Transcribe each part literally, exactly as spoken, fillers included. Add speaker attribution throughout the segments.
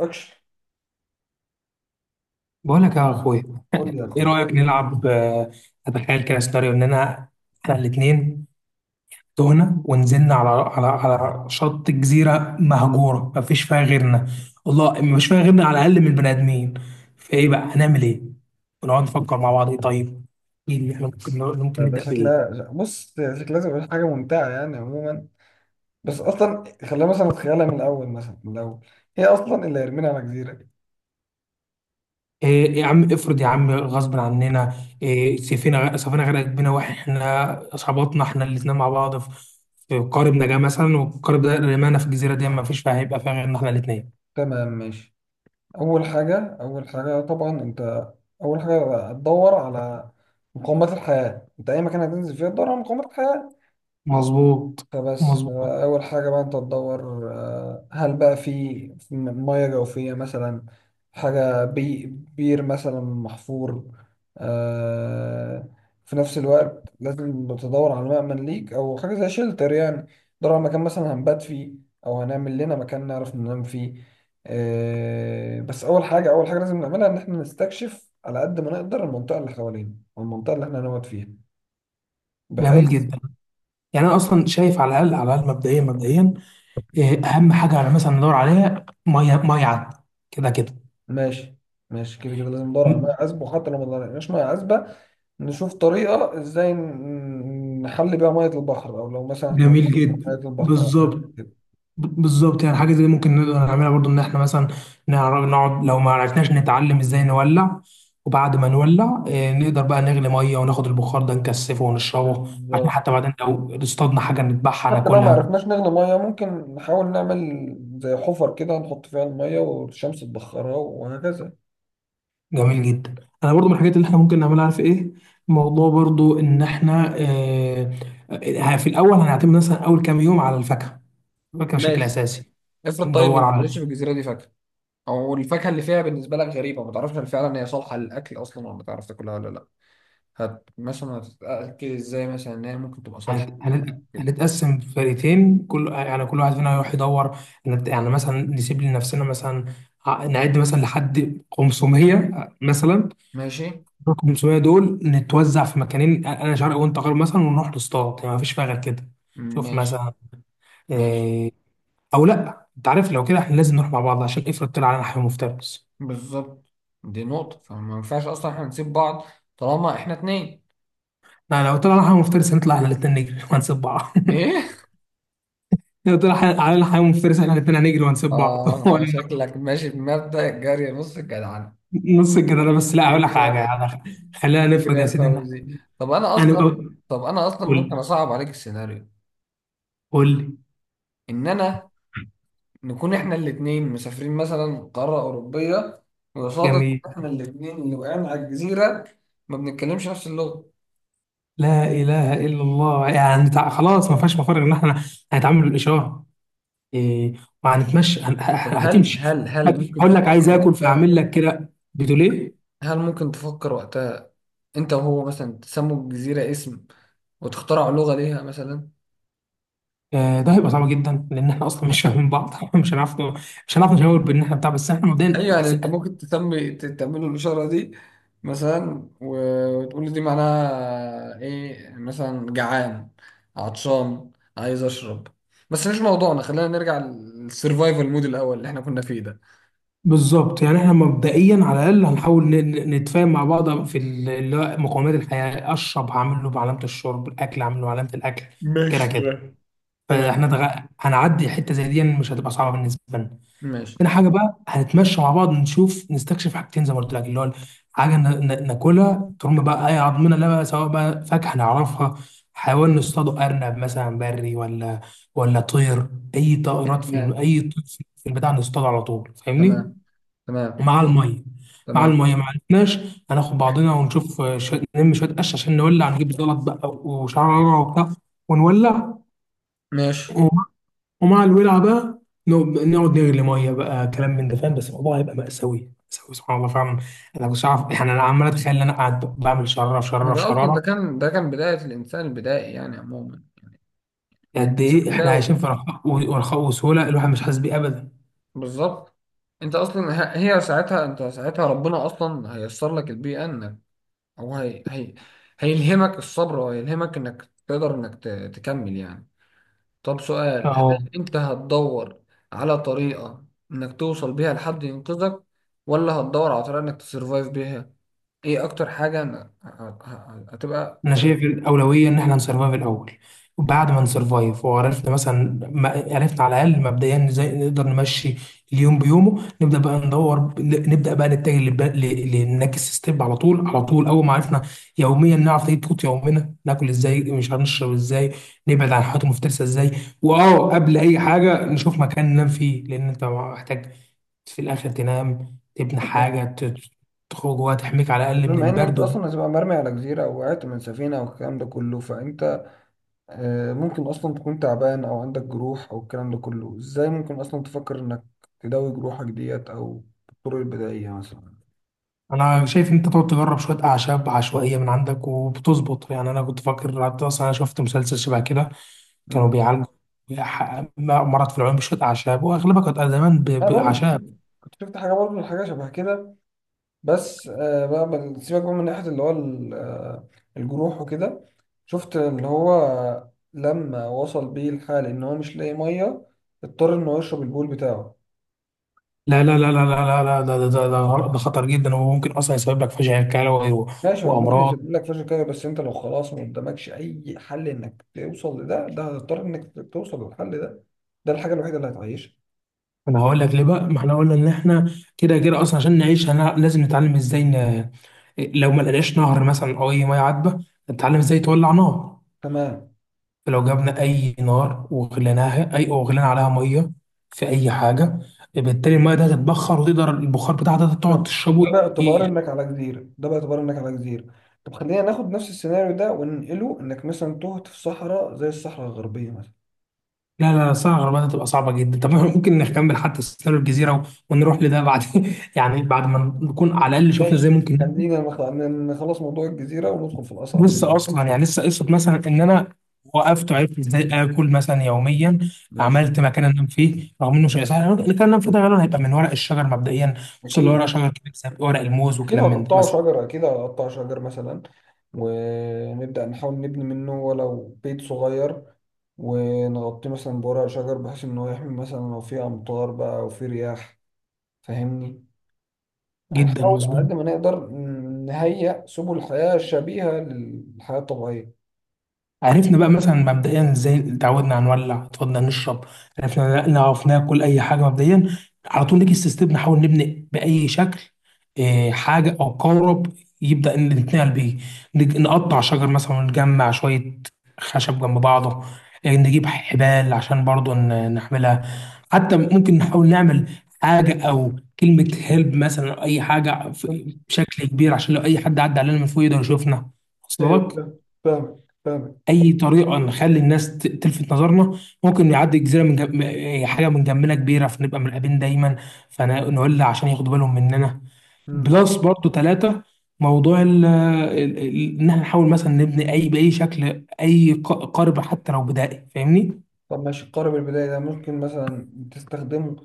Speaker 1: اكشن،
Speaker 2: بقول لك يا اخويا،
Speaker 1: قول لي يا
Speaker 2: ايه
Speaker 1: اخويا.
Speaker 2: رايك نلعب؟ آه، اتخيل كده سيناريو اننا احنا الاثنين تهنا ونزلنا على على على شط جزيره مهجوره ما فيش فيها غيرنا. والله ما فيش فيها غيرنا على الاقل من البني ادمين. فايه بقى هنعمل ايه؟ ونقعد نفكر مع بعض ايه. طيب ايه اللي احنا ممكن ممكن
Speaker 1: ده ده
Speaker 2: نبدا بايه؟
Speaker 1: شكلها، بص، شكلها تبقى حاجه ممتعه يعني عموما. بس اصلا خلينا مثلا نتخيلها من الاول، مثلا من الاول، هي اصلا اللي هيرمينا على جزيره.
Speaker 2: إيه إيه، يا عم افرض يا عم غصب عننا إيه. سفينة سفينة غرقت بينا واحنا صحباتنا احنا الاتنين مع بعض في في قارب نجاة مثلا، والقارب ده رمانا في الجزيرة دي، ما فيش فيها، هيبقى فيها غيرنا احنا الاتنين.
Speaker 1: تمام، ماشي. اول حاجه اول حاجه طبعا انت، اول حاجه هتدور على مقومات الحياه. انت اي مكان هتنزل فيه تدور على مقومات الحياه.
Speaker 2: مظبوط،
Speaker 1: فبس،
Speaker 2: مظبوط.
Speaker 1: فأول حاجة بقى أنت تدور، آه، هل بقى في، في مياه جوفية مثلا، حاجة، بي بير مثلا محفور. آه، في نفس الوقت لازم تدور على مأمن ليك أو حاجة زي شيلتر يعني. تدور على مكان مثلا هنبات فيه، أو هنعمل لنا مكان نعرف ننام فيه. آه، بس أول حاجة أول حاجة لازم نعملها إن إحنا نستكشف على قد ما نقدر المنطقة اللي حوالينا والمنطقة اللي إحنا هنقعد فيها،
Speaker 2: جميل
Speaker 1: بحيث.
Speaker 2: جدا. يعني انا اصلا شايف على الاقل على الاقل مبدئيا مبدئيا إيه اهم حاجة، على مثلا ندور عليها مية مية عذبة. كده كده.
Speaker 1: ماشي، ماشي، كده كده لازم ندور على ميه عذبه، وحتى لو ما لقيناش ميه عذبه نشوف طريقه ازاي ن- نحل بيها ميه البحر، او لو مثلا احنا
Speaker 2: جميل
Speaker 1: بنحط ميه
Speaker 2: جدا،
Speaker 1: البحر أو حاجة
Speaker 2: بالظبط.
Speaker 1: كده.
Speaker 2: ب- بالظبط، يعني حاجه زي دي ممكن نقدر نعملها برضو، ان احنا مثلا نعرف نقعد. لو ما عرفناش نتعلم ازاي نولع، وبعد ما نولع آه، نقدر بقى نغلي ميه وناخد البخار ده نكثفه ونشربه، عشان
Speaker 1: بالظبط،
Speaker 2: حتى بعدين لو اصطادنا حاجه نذبحها
Speaker 1: حتى لو ما
Speaker 2: ناكلها.
Speaker 1: عرفناش نغلي ميه ممكن نحاول نعمل زي حفر كده، نحط فيها الميه والشمس تبخرها وهكذا.
Speaker 2: جميل جدا. انا برضو من الحاجات اللي احنا ممكن نعملها، عارف ايه؟ موضوع برضو ان احنا آه، آه، في الاول هنعتمد مثلا اول كام يوم على الفاكهه، الفاكهه بشكل
Speaker 1: ماشي،
Speaker 2: اساسي.
Speaker 1: افرض طيب ما
Speaker 2: ندور على
Speaker 1: تلاقيش في الجزيرة دي فاكهة، او الفاكهة اللي فيها بالنسبة لك غريبة ما تعرفش هل فعلا هي صالحة للأكل أصلا، ولا ما تعرف تاكلها ولا لا. هت مثلا هتتأكد ازاي مثلا ان هي ممكن تبقى صالحة
Speaker 2: هت- هنت-
Speaker 1: للأكل.
Speaker 2: هنتقسم فرقتين، كل يعني كل واحد فينا هيروح يدور. نت- يعني مثلا نسيب لنفسنا مثلا ع- نعد مثلا لحد خمسمية مثلا.
Speaker 1: ماشي،
Speaker 2: ال خمسمية دول نتوزع في مكانين، انا شرق وانت غرب مثلا، ونروح نصطاد، يعني مفيش فيها غير كده. شوف
Speaker 1: ماشي،
Speaker 2: مثلا
Speaker 1: ماشي.
Speaker 2: إيه. او لا، انت عارف لو كده احنا لازم نروح مع بعض، عشان افرض طلع علينا حيوان مفترس.
Speaker 1: بالظبط، دي نقطة، فما ينفعش أصلا احنا نسيب بعض طالما احنا اتنين.
Speaker 2: لا، لو طلع علينا حيوان مفترس هنطلع احنا الاثنين نجري وهنسيب بعض.
Speaker 1: ايه؟
Speaker 2: لو طلع حي- علينا حيوان مفترس احنا الاثنين هنجري وهنسيب بعض
Speaker 1: اه آه، شكلك ماشي بمبدأ الجري نص الجدعنة.
Speaker 2: نص الجدارة. بس لا هقول لك
Speaker 1: فكرة،
Speaker 2: حاجة يعني، خلينا
Speaker 1: فكرة
Speaker 2: نفرض يا
Speaker 1: يا
Speaker 2: سيدي ان
Speaker 1: فوزي. طب أنا
Speaker 2: انا،
Speaker 1: أصلا،
Speaker 2: قول.
Speaker 1: طب أنا أصلا ممكن
Speaker 2: قول،
Speaker 1: أصعب عليك السيناريو،
Speaker 2: قول لي.
Speaker 1: إن أنا، نكون احنا الاتنين مسافرين مثلا قارة أوروبية، وصادف
Speaker 2: جميل.
Speaker 1: إن احنا الاتنين اللي وقعنا على الجزيرة، ما بنتكلمش نفس اللغة.
Speaker 2: لا إله إلا الله. يعني تع- خلاص ما فيهاش مفر غير إن إحنا هنتعامل بالإشارة. إيه. وهنتمشى هن- ه-
Speaker 1: طب هل
Speaker 2: هتمشي،
Speaker 1: هل هل
Speaker 2: طيب
Speaker 1: ممكن
Speaker 2: هقول لك عايز
Speaker 1: تفكر
Speaker 2: آكل
Speaker 1: وقتها؟
Speaker 2: فأعمل لك كده، بتقول إيه؟
Speaker 1: هل ممكن تفكر وقتها انت وهو مثلا تسموا الجزيرة اسم، وتخترعوا لغة ليها مثلا؟
Speaker 2: آه، ده هيبقى صعب جدا لأن إحنا أصلا مش فاهمين بعض إحنا مش هنعرف، مش هنعرف نشاور بإن إحنا بتاع، بس إحنا مبدئيا
Speaker 1: ايوه يعني انت ممكن تسمي، ت- تعملوا الإشارة دي مثلا، و- وتقول لي دي معناها ايه، مثلا جعان، عطشان، عايز اشرب. بس مش موضوعنا، خلينا نرجع للسرفايفل مود الاول اللي احنا كنا فيه ده.
Speaker 2: بالظبط. يعني احنا مبدئيا على الاقل هنحاول ن- ن- نتفاهم مع بعض في ال- اللي هو مقومات الحياه. اشرب هعمل له بعلامه الشرب، الاكل هعمل له بعلامه الاكل. كده
Speaker 1: ماشي،
Speaker 2: كده.
Speaker 1: تمام. تمام،
Speaker 2: فاحنا دغ... هنعدي حته زي دي مش هتبقى صعبه بالنسبه لنا.
Speaker 1: ماشي.
Speaker 2: تاني حاجه بقى هنتمشى مع بعض نشوف نستكشف حاجتين زي ما قلت لك، اللي هو حاجه ن... ن- ناكلها ترم بقى اي عضمنا، لا بقى سواء بقى فاكهه نعرفها، حيوان نصطاده ارنب مثلا بري، ولا ولا طير، اي طائرات في ال...
Speaker 1: تمام،
Speaker 2: اي طير في البتاع نصطاده على طول، فاهمني.
Speaker 1: تمام، تمام.
Speaker 2: ومع الميه، مع
Speaker 1: تمام،
Speaker 2: الميه ما عرفناش، هناخد بعضنا ونشوف آه، ش- نلم شويه قش عشان نولع، نجيب زلط بقى وشعره وبتاع ونولع.
Speaker 1: ماشي.
Speaker 2: ومع ومع الولعه بقى، نقعد نقعد نغلي ميه بقى، كلام من ده فاهم، بس الموضوع هيبقى مأساوي مأساوي سبحان الله فعلا. انا مش عارف، يعني انا عمال اتخيل ان انا قاعد بعمل شراره في
Speaker 1: ما
Speaker 2: شراره في
Speaker 1: ده اصلا، ده
Speaker 2: شراره.
Speaker 1: كان ده كان بداية الانسان البدائي يعني عموما.
Speaker 2: قد
Speaker 1: الشك
Speaker 2: ايه
Speaker 1: ده.
Speaker 2: احنا عايشين في رخاء و- ورخاء وسهوله، الواحد مش حاسس بيه ابدا.
Speaker 1: بالظبط، انت اصلا، ه- هي ساعتها، انت ساعتها ربنا اصلا هيسر لك البيئه انك، او هي هي هيلهمك الصبر، وهيلهمك انك تقدر انك ت- تكمل يعني. طب سؤال،
Speaker 2: اه،
Speaker 1: هل انت هتدور على طريقه انك توصل بيها لحد ينقذك، ولا هتدور على طريقه انك تسرفايف بيها؟ ايه اكتر حاجه أنا- ه- ه- هتبقى؟
Speaker 2: انا شايف الاولويه ان احنا نسرفايف الاول، وبعد ما نسرفايف وعرفنا مثلا، ما عرفنا على الاقل مبدئيا ازاي نقدر نمشي اليوم بيومه، نبدا بقى ندور، نبدا بقى نتجه للب- ل- للنكست ستيب على طول. على طول اول ما عرفنا يوميا نعرف نجيب قوت يومنا، ناكل ازاي، مش هنشرب ازاي، نبعد عن الحاجات المفترسه ازاي. واه، قبل اي حاجه نشوف مكان ننام فيه، لان انت محتاج في الاخر تنام، تبني حاجه ت- تخرج جواها تحميك على الاقل من
Speaker 1: بما ان انت
Speaker 2: البرد.
Speaker 1: اصلا هتبقى مرمي على جزيره او وقعت من سفينه والكلام ده كله، فانت آه، ممكن اصلا تكون تعبان او عندك جروح او الكلام ده كله، ازاي ممكن اصلا تفكر انك تداوي جروحك ديت او بالطرق البدائية مثلا؟
Speaker 2: انا شايف انت تقعد تجرب شويه اعشاب عشوائيه من عندك وبتظبط، يعني انا كنت فاكر حتى، اصلا انا شفت مسلسل شبه كده، كانوا
Speaker 1: مم.
Speaker 2: بيعالجوا ح- مرض في العيون بشويه اعشاب، واغلبها كانت زمان ب-
Speaker 1: انا برضو كنت
Speaker 2: باعشاب.
Speaker 1: شفت، كنت شفت حاجة برضو، حاجة شبه كده. بس آه، بقى، بقى- سيبك بقى من ناحية اللي هو ال- آه، الجروح وكده. شفت اللي هو لما وصل بيه الحال ان هو مش لاقي مية، اضطر ان هو يشرب البول بتاعه.
Speaker 2: لا لا لا لا لا لا لا ده ده ده ده ده خطر جدا، وممكن اصلا يسبب لك فشل كلوي و-
Speaker 1: ماشي، هو ممكن
Speaker 2: وامراض
Speaker 1: يسيب لك فلوس كده، بس انت لو خلاص ما قدامكش اي حل انك توصل لده، ده هتضطر انك توصل للحل ده. ده الحاجه الوحيده اللي هتعيشك.
Speaker 2: انا هقول لك ليه بقى، ما احنا قلنا ان احنا كده كده اصلا عشان نعيش هنا لازم نتعلم ازاي ن... لو ما لقيناش نهر مثلا او اي ميه عذبه، نتعلم ازاي تولع نار.
Speaker 1: تمام.
Speaker 2: لو جبنا اي نار وغليناها، اي وغلينا عليها ميه في اي حاجه، بالتالي الميه ده هتتبخر وتقدر البخار بتاعها ده تقعد
Speaker 1: تمام،
Speaker 2: تشربه.
Speaker 1: ده باعتبار
Speaker 2: ي...
Speaker 1: انك على جزيره، ده باعتبار انك على جزيره. طب خلينا ناخد نفس السيناريو ده وننقله انك مثلا تهت في صحراء زي الصحراء الغربيه مثلا.
Speaker 2: لا لا لا، صراحه الغربله هتبقى صعبه جدا، طب إحنا ممكن نكمل حتى سيناريو الجزيره ونروح لده بعد يعني بعد ما نكون على الاقل شفنا ازاي
Speaker 1: ماشي،
Speaker 2: ممكن
Speaker 1: خلينا نخ- نخلص موضوع الجزيره وندخل في الاصعب
Speaker 2: لسه
Speaker 1: منه.
Speaker 2: اصلا، يعني لسه قصه مثلا ان انا وقفت وعرفت ازاي اكل مثلا يوميا،
Speaker 1: ماشي،
Speaker 2: عملت مكان انام فيه رغم انه شيء سهل، المكان اللي انام فيه ده غالبا هيبقى من ورق الشجر مبدئيا، خصوصا لو
Speaker 1: اكيد.
Speaker 2: ورق شجر كده ورق الموز
Speaker 1: أكيد
Speaker 2: وكلام من ده
Speaker 1: هتقطعوا
Speaker 2: مثلا.
Speaker 1: شجرة، أكيد هتقطع شجر مثلا، ونبدأ نحاول نبني منه ولو بيت صغير، ونغطيه مثلا بورق شجر بحيث إن هو يحمي مثلا لو في أمطار بقى أو في رياح. فاهمني،
Speaker 2: جدا
Speaker 1: هنحاول على
Speaker 2: مظبوط.
Speaker 1: قد ما نقدر نهيئ سبل حياة شبيهة للحياة الطبيعية.
Speaker 2: عرفنا بقى مثلا مبدئيا ازاي اتعودنا هنولع، اتفضل نشرب، عرفنا نعرف ناكل اي حاجه مبدئيا، على طول نيجي ستيب نحاول نبني باي شكل آه، حاجه او قارب يبدا ان نتنقل بيه. نج- نقطع شجر مثلا ونجمع شويه خشب جنب بعضه، آه، نجيب حبال عشان برضه ن- نحملها. حتى ممكن نحاول نعمل حاجه او كلمه هيلب مثلا، أو اي حاجه في- بشكل كبير، عشان لو اي حد عدى علينا من فوق يقدر يشوفنا، وصل
Speaker 1: ايوه
Speaker 2: لك؟
Speaker 1: فاهم- فاهمك، فاهمك.
Speaker 2: اي طريقه نخلي الناس ت- تلفت نظرنا، ممكن يعدي جزيره من جم... م- حاجه من جنبنا كبيره، فنبقى مرقبين دايما، فنولع عشان ياخدوا بالهم مننا.
Speaker 1: مم.
Speaker 2: بلس برضو ثلاثه، موضوع ال- ال- ال- ان احنا نحاول مثلا نبني اي باي شكل اي ق- قارب حتى لو بدائي، فاهمني.
Speaker 1: طب ماشي، قارب البداية ده ممكن مثلا تستخدمه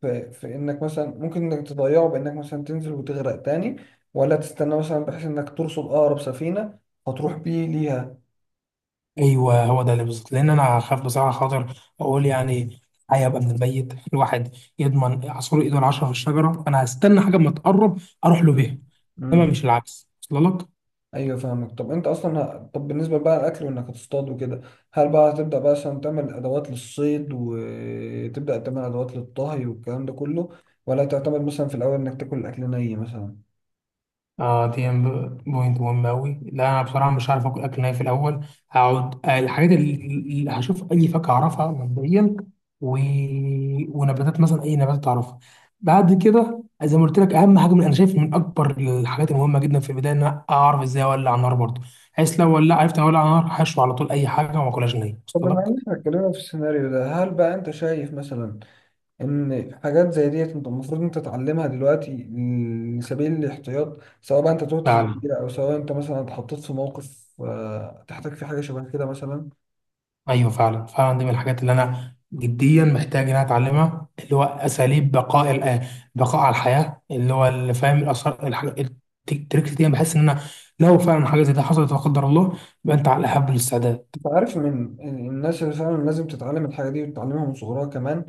Speaker 1: في، في انك مثلا ممكن انك تضيعه بانك مثلا تنزل وتغرق تاني، ولا تستنى مثلا بحيث انك ترصد اقرب سفينة فتروح بيه ليها؟
Speaker 2: ايوه هو ده اللي بالظبط، لان انا خاف بصراحه خاطر اقول يعني، هيبقى من الميت الواحد يضمن عصفور ايده العشره في الشجره. انا هستنى حاجه اما تقرب اروح له
Speaker 1: مم.
Speaker 2: بيها، انما
Speaker 1: مم.
Speaker 2: مش العكس، وصل لك؟
Speaker 1: ايوه فاهمك. طب انت اصلا ه- طب بالنسبه بقى الاكل، وانك هتصطاد وكده، هل بقى هتبدا بقى مثلا تعمل ادوات للصيد وتبدا تعمل ادوات للطهي والكلام ده كله، ولا تعتمد مثلا في الاول انك تاكل الاكل ني مثلا؟
Speaker 2: اه، دي ام- بوينت مهمة أوي. لا أنا بصراحة مش عارف آكل أكل ناي في الأول، هقعد آه، الحاجات اللي اللي هشوف أي فاكهة أعرفها مبدئيا و... ونباتات مثلا، أي نبات أعرفها. بعد كده زي ما قلت لك، أهم حاجة من أنا شايف من أكبر الحاجات المهمة جدا في البداية إن أنا أعرف إزاي أولع نار برضه، بحيث لو ولع عرفت أولع نار هشوي على طول أي حاجة وما أكلهاش نية،
Speaker 1: طب
Speaker 2: وصلت
Speaker 1: بما
Speaker 2: لك؟
Speaker 1: ان احنا اتكلمنا في السيناريو ده، هل بقى انت شايف مثلا ان حاجات زي ديت انت المفروض انت تتعلمها دلوقتي لسبيل الاحتياط، سواء بقى انت تهت في
Speaker 2: فعلا.
Speaker 1: كبيرة او سواء انت مثلا اتحطيت في موقف آه، تحتاج فيه حاجه شبه كده مثلا؟
Speaker 2: ايوه فعلا فعلا، دي من الحاجات اللي انا جديا محتاج ان انا اتعلمها، اللي هو اساليب بقاء ال- بقاء على الحياه، اللي هو اللي فاهم الاثار التريكس دي. أنا بحس ان انا لو فعلا حاجه زي دي حصلت لا قدر الله، يبقى انت على الاحب الاستعداد.
Speaker 1: انت عارف من الناس اللي فعلا لازم تتعلم الحاجه دي وتتعلمها من صغرها كمان؟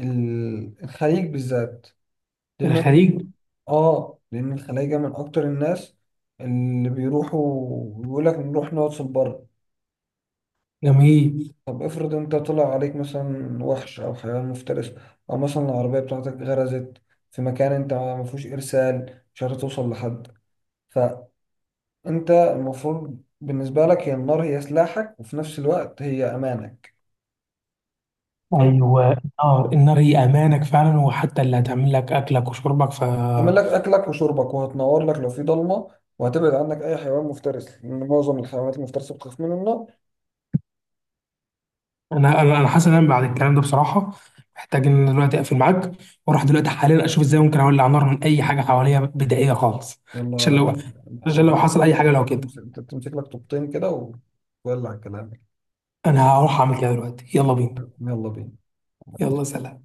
Speaker 1: ال- الخليج بالذات، لانه،
Speaker 2: الخليج.
Speaker 1: اه لان الخلايجه من اكتر الناس اللي بيروحوا يقول لك نروح نقعد في البر.
Speaker 2: جميل.
Speaker 1: طب افرض انت طلع عليك مثلا وحش او حيوان مفترس، او مثلا العربية بتاعتك غرزت في مكان انت ما فيهوش ارسال، مش عارف توصل لحد، فانت المفروض بالنسبة لك هي النار هي سلاحك، وفي نفس الوقت هي امانك. فاهم،
Speaker 2: ايوه النار، النار هي امانك فعلا، وحتى اللي هتعمل لك اكلك وشربك ف.
Speaker 1: تعمل لك اكلك وشربك، وهتنور لك لو في ضلمة، وهتبعد عنك اي حيوان مفترس لان معظم الحيوانات المفترسة بتخاف من النار.
Speaker 2: انا انا أنا حاسس ان انا بعد الكلام ده بصراحه محتاج ان أنا دلوقتي اقفل معاك واروح دلوقتي حاليا اشوف ازاي ممكن اولع نار من اي حاجه حواليا بدائيه خالص. عشان لو
Speaker 1: يلا،
Speaker 2: عشان لو حصل اي حاجه لو
Speaker 1: مثلا
Speaker 2: كده،
Speaker 1: تمسك، تمسك لك طوبتين كده و- وولع كلامك.
Speaker 2: انا هروح اعمل كده دلوقتي. يلا بينا.
Speaker 1: يلا بينا.
Speaker 2: يلا سلام.